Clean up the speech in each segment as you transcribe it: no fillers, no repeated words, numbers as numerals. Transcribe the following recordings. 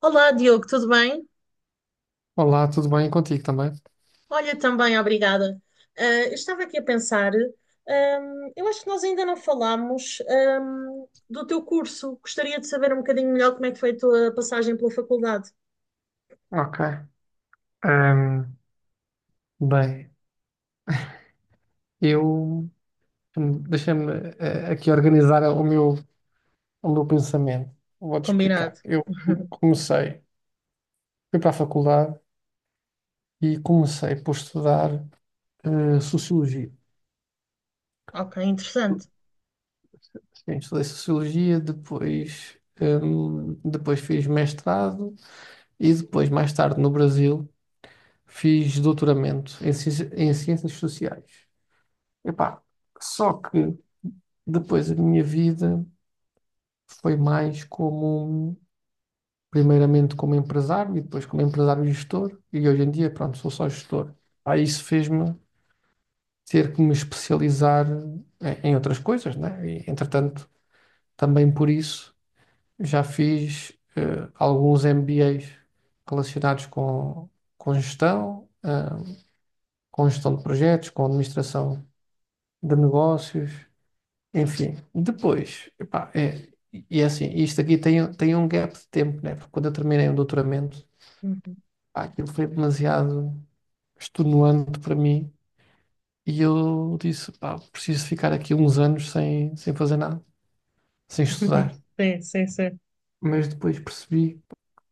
Olá, Diogo, tudo bem? Olá, tudo bem contigo também? Olha, também, obrigada. Eu estava aqui a pensar, eu acho que nós ainda não falámos, do teu curso. Gostaria de saber um bocadinho melhor como é que foi a tua passagem pela faculdade. Ok. Ahm, Bem, eu deixa-me aqui organizar o meu pensamento. Vou-te Combinado. explicar. Eu comecei, fui para a faculdade e comecei por estudar sociologia. Ok, interessante. Sim, estudei sociologia, depois, depois fiz mestrado e depois, mais tarde, no Brasil, fiz doutoramento em ciências sociais. Epá, só que depois a minha vida, foi mais como, primeiramente como empresário e depois como empresário gestor, e hoje em dia, pronto, sou só gestor. Aí isso fez-me ter que me especializar em outras coisas, né? E, entretanto, também por isso já fiz alguns MBAs relacionados com gestão, com gestão de projetos, com administração de negócios. Enfim, depois, epá, é, e assim, isto aqui tem um gap de tempo, né? Porque quando eu terminei o doutoramento, Uhum. pá, aquilo foi demasiado extenuante para mim e eu disse, pá, preciso ficar aqui uns anos sem fazer nada, sem estudar. Sim, sim, sim. Mas depois percebi,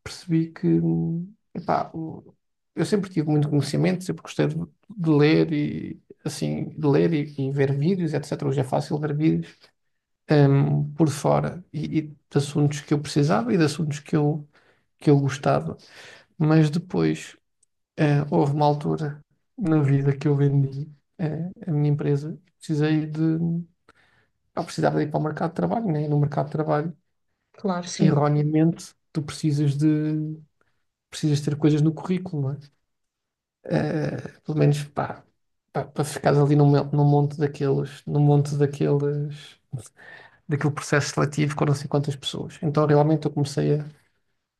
percebi que, epá, eu sempre tive muito conhecimento, sempre gostei de ler e, assim, de ler e ver vídeos, etc. Hoje é fácil ver vídeos por fora e de assuntos que eu precisava e de assuntos que eu gostava. Mas depois, houve uma altura na vida que eu vendi, a minha empresa e precisei de. Eu precisava de ir para o mercado de trabalho, né? E no mercado de trabalho, Claro, sim. erroneamente, tu precisas de. Precisas ter coisas no currículo, não é? Pelo menos, pá, para ficares ali num monte daqueles daquele processo seletivo com não sei quantas pessoas. Então realmente eu comecei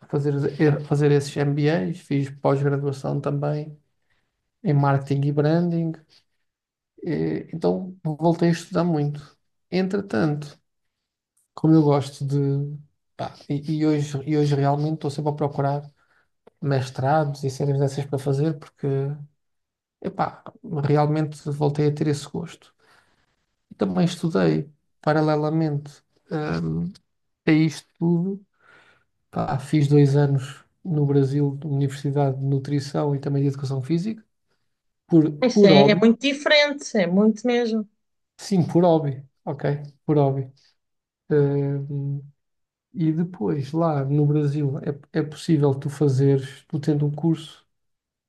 a, fazer, fazer esses MBAs, fiz pós-graduação também em marketing e branding, e então voltei a estudar muito. Entretanto, como eu gosto de, pá, e hoje realmente estou sempre a procurar mestrados e séries dessas para fazer, porque, epá, realmente voltei a ter esse gosto. E também estudei paralelamente, hum, a isto tudo, pá, fiz 2 anos no Brasil de Universidade de Nutrição e também de Educação Física, Por, Isso por é, é hobby, muito diferente, é muito mesmo. sim, por hobby, ok, por hobby. Ahm, e depois, lá no Brasil, é possível tu tendo um curso,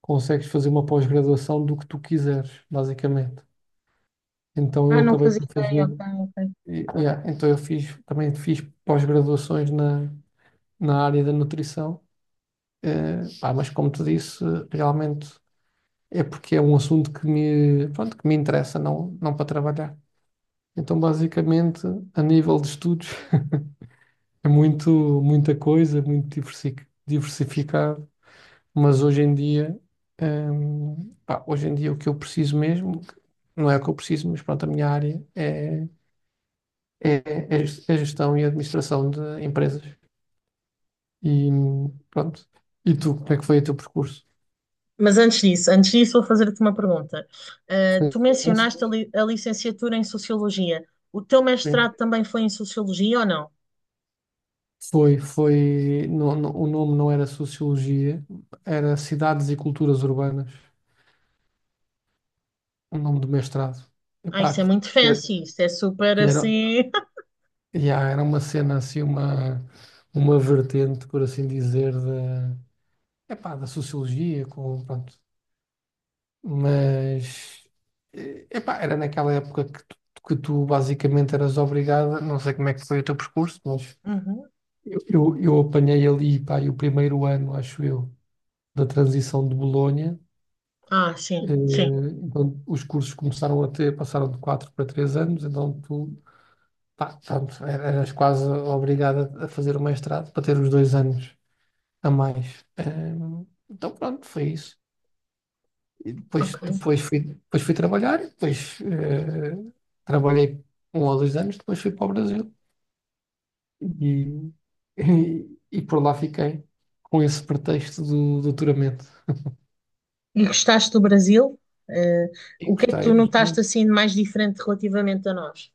consegues fazer uma pós-graduação do que tu quiseres, basicamente. Então Ah, eu não acabei fazia por ideia, fazer, ok, ok. Yeah, então eu também fiz pós-graduações na área da nutrição. Pá, mas como te disse, realmente é porque é um assunto que me, pronto, que me interessa, não, não para trabalhar. Então, basicamente, a nível de estudos, é muito, muita coisa, muito diversificado, mas hoje em dia, pá, hoje em dia o que eu preciso mesmo, não é o que eu preciso, mas pronto, a minha área é, é gestão e administração de empresas. E pronto. E tu, como é que foi o teu percurso? Mas antes disso, vou fazer-te uma pergunta. Ah, Sim, tu mencionaste a, a licenciatura em Sociologia. O teu sim. mestrado também foi em Sociologia ou não? Foi, o nome não era Sociologia, era Cidades e Culturas Urbanas, o nome do mestrado. Ah, Epá, isso é que, muito fancy, isso é super que era. assim. Yeah, era uma cena assim, uma vertente, por assim dizer, da, epá, da sociologia, com, pronto. Mas epá, era naquela época que tu basicamente eras obrigada, não sei como é que foi o teu percurso, mas Uhum. eu apanhei ali, pá, e o primeiro ano, acho eu, da transição de Bolonha. Ah, eh, sim, sim, Então, os cursos começaram a ter, passaram de 4 para 3 anos, então tu, pá, pronto, eras quase obrigada a fazer o mestrado para ter os 2 anos a mais. Então pronto, foi isso. Depois, ok. depois fui trabalhar, e depois trabalhei 1 ou 2 anos, depois fui para o Brasil e, e por lá fiquei com esse pretexto do doutoramento. E gostaste do Brasil? Eh, E o que é que gostei, tu gostei notaste muito. assim de mais diferente relativamente a nós?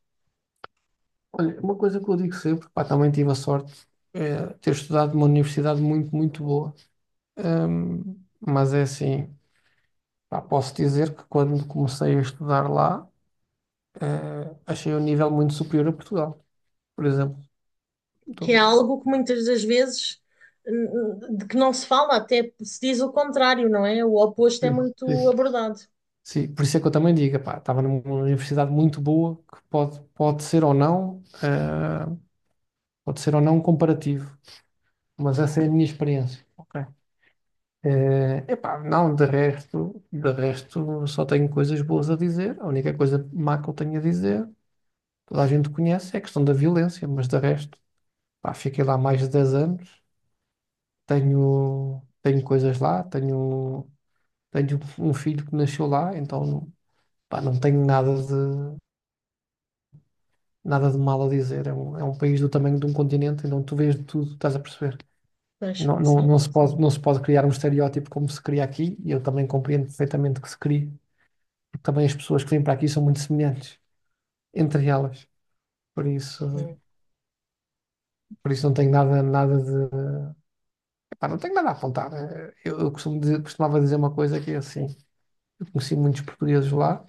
Olha, uma coisa que eu digo sempre, pá, também tive a sorte de ter estudado numa universidade muito, muito boa. Mas é assim, pá, posso dizer que quando comecei a estudar lá, achei o nível muito superior a Portugal, por exemplo. Que é Então, algo que muitas das vezes n- de que não se fala, até se diz o contrário, não é? O oposto é sim, muito sim. abordado. Sim, por isso é que eu também digo, epá, estava numa universidade muito boa, que pode ser ou não, pode ser ou não comparativo, mas essa é a minha experiência. Ok. Epá, não, de resto só tenho coisas boas a dizer. A única coisa má que eu tenho a dizer, toda a gente conhece, é a questão da violência, mas de resto, pá, fiquei lá mais de 10 anos, tenho coisas lá, tenho um filho que nasceu lá, então pá, não tenho nada de mal a dizer. É um país do tamanho de um continente, então tu vês de tudo, estás a perceber? Pois, Não, não, sim, não se sim. pode, não se pode criar um estereótipo como se cria aqui, e eu também compreendo perfeitamente que se crie, porque também as pessoas que vêm para aqui são muito semelhantes entre elas. Por isso, Uhum. por isso não tenho nada, nada de. Pá, não tenho nada a apontar. Eu costumo costumava dizer uma coisa que é assim: eu conheci muitos portugueses lá,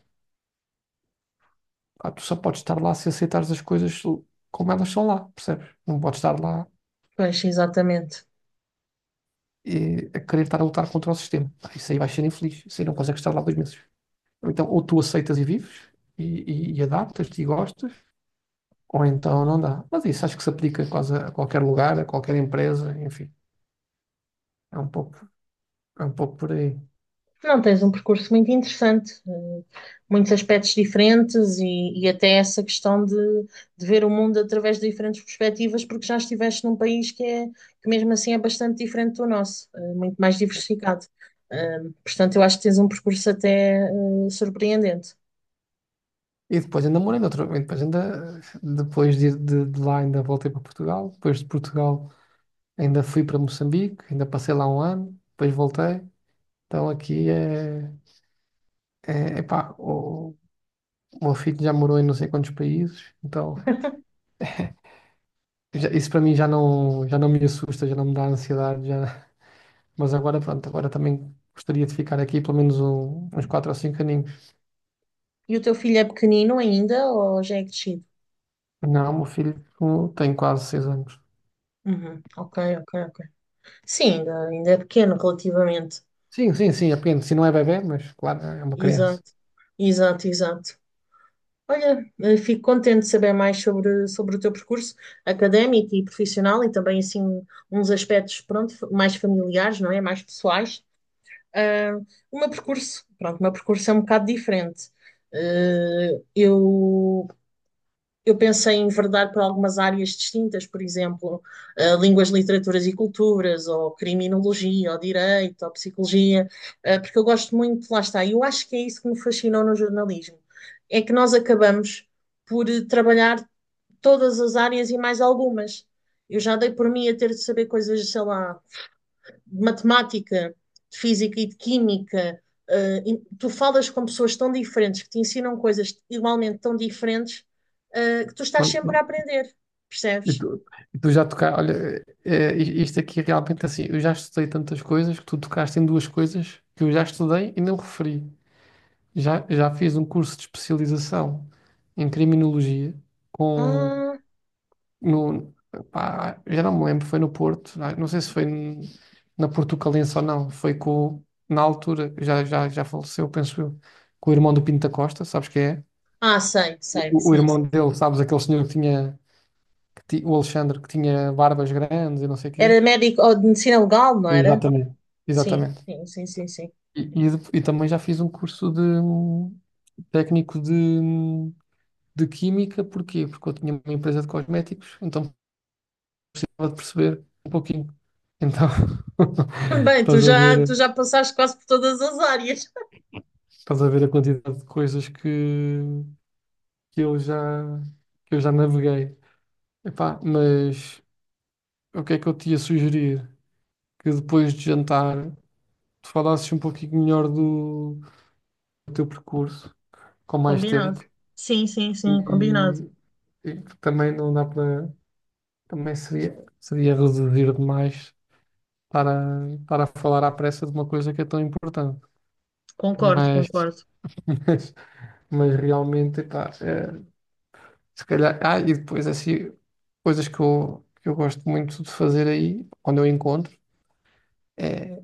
pá, tu só podes estar lá se aceitares as coisas como elas são lá, percebes? Não podes estar lá Pois, exatamente. A querer estar a lutar contra o sistema. Pá, isso aí vai ser infeliz, isso aí não consegues estar lá 2 meses. Ou então, ou tu aceitas e vives, e, e adaptas-te e gostas, ou então não dá. Mas isso acho que se aplica quase a qualquer lugar, a qualquer empresa, enfim, é um pouco, é um pouco por aí. Não, tens um percurso muito interessante, eh, muitos aspectos diferentes e até essa questão de ver o mundo através de diferentes perspectivas, porque já estiveste num país que é, que mesmo assim é bastante diferente do nosso, eh, muito mais diversificado. Eh, Portanto, eu acho que tens um percurso até, eh, surpreendente. E depois ainda morei noutro, e depois ainda, depois de lá ainda voltei para Portugal, depois de Portugal ainda fui para Moçambique, ainda passei lá um ano, depois voltei. Então aqui é, epá, o meu filho já morou em não sei quantos países, então isso para mim já não, me assusta, já não me dá ansiedade, já. Mas agora, pronto, agora também gostaria de ficar aqui pelo menos uns 4 ou 5 aninhos. E o teu filho é pequenino ainda ou já é crescido? Não, meu filho tem quase 6 anos. Uhum. Ok, ok, ok. Sim, ainda, ainda é pequeno relativamente. Sim, sim, sim, é pequeno. Se não é bebé, mas claro, é uma criança. Exato, exato, exato. Olha, eh, fico contente de saber mais sobre, sobre o teu percurso académico e profissional e também assim uns aspectos pronto, mais familiares, não é? Mais pessoais. Ah, o meu percurso, pronto, o meu percurso é um bocado diferente. Eu eu pensei em enverdar para algumas áreas distintas, por exemplo, línguas, literaturas e culturas, ou criminologia, ou direito, ou psicologia, porque eu gosto muito, lá está, e eu acho que é isso que me fascinou no jornalismo, é que nós acabamos por trabalhar todas as áreas e mais algumas. Eu já dei por mim a ter de saber coisas, sei lá, de matemática, de física e de química, eh, tu falas com pessoas tão diferentes que te ensinam coisas igualmente tão diferentes, que tu estás Bom. sempre a aprender, E percebes? tu, e tu já tocaste, olha, isto aqui é realmente assim, eu já estudei tantas coisas que tu tocaste em duas coisas que eu já estudei e não referi. Já fiz um curso de especialização em criminologia com Ah, no, pá, já não me lembro, foi no Porto, não sei se foi na Portucalense ou não, foi com, na altura, já faleceu, penso eu, com o irmão do Pinto da Costa, sabes quem é? ah, sei, sei, O sim, irmão sim, sim. dele, sabes, aquele senhor que tinha, o Alexandre, que tinha barbas grandes e não sei o Era quê. médico ou de medicina legal, não era? Exatamente. Sim, Exatamente. sim, sim, sim, sim. E também já fiz um curso de técnico de química, porquê? Porque eu tinha uma empresa de cosméticos, então precisava de perceber um pouquinho. Então, Bem, Estás a ver, tu já passaste quase por todas as áreas. estás a ver a quantidade de coisas que eu já, que eu já, naveguei. Epá, mas o que é que eu te ia sugerir? Que depois de jantar tu falasses um pouquinho melhor do teu percurso, com mais Combinado. tempo, Sim, sim, sim, combinado. e, e que também não dá para. Também seria reduzir demais estar a falar à pressa de uma coisa que é tão importante. Concordo, Mas, concordo. mas, mas realmente, epá, é. Se calhar, e depois assim, coisas que eu gosto muito de fazer aí, quando eu encontro, é,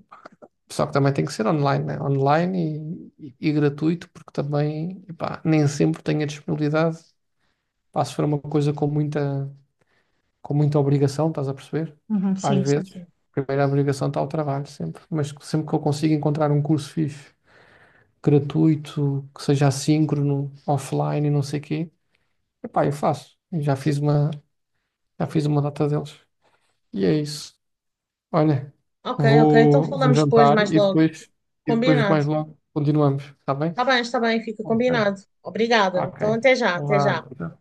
só que também tem que ser online, né? Online e gratuito, porque também, epá, nem sempre tenho a disponibilidade, pá, se for uma coisa com muita, obrigação, estás a perceber? Uhum, Às sim, sim, vezes, sim. a primeira obrigação está ao trabalho, sempre, mas sempre que eu consigo encontrar um curso fixe, gratuito, que seja assíncrono, offline e não sei o quê, epá, eu faço. Já fiz uma data deles. E é isso. Olha, Ok, ok, então vou falamos depois, jantar mais e logo. depois, e depois mais Combinado. logo continuamos, está bem? Tá bem, está bem, fica Ok, combinado. Obrigada. ok. Então, até já, até já. Vá.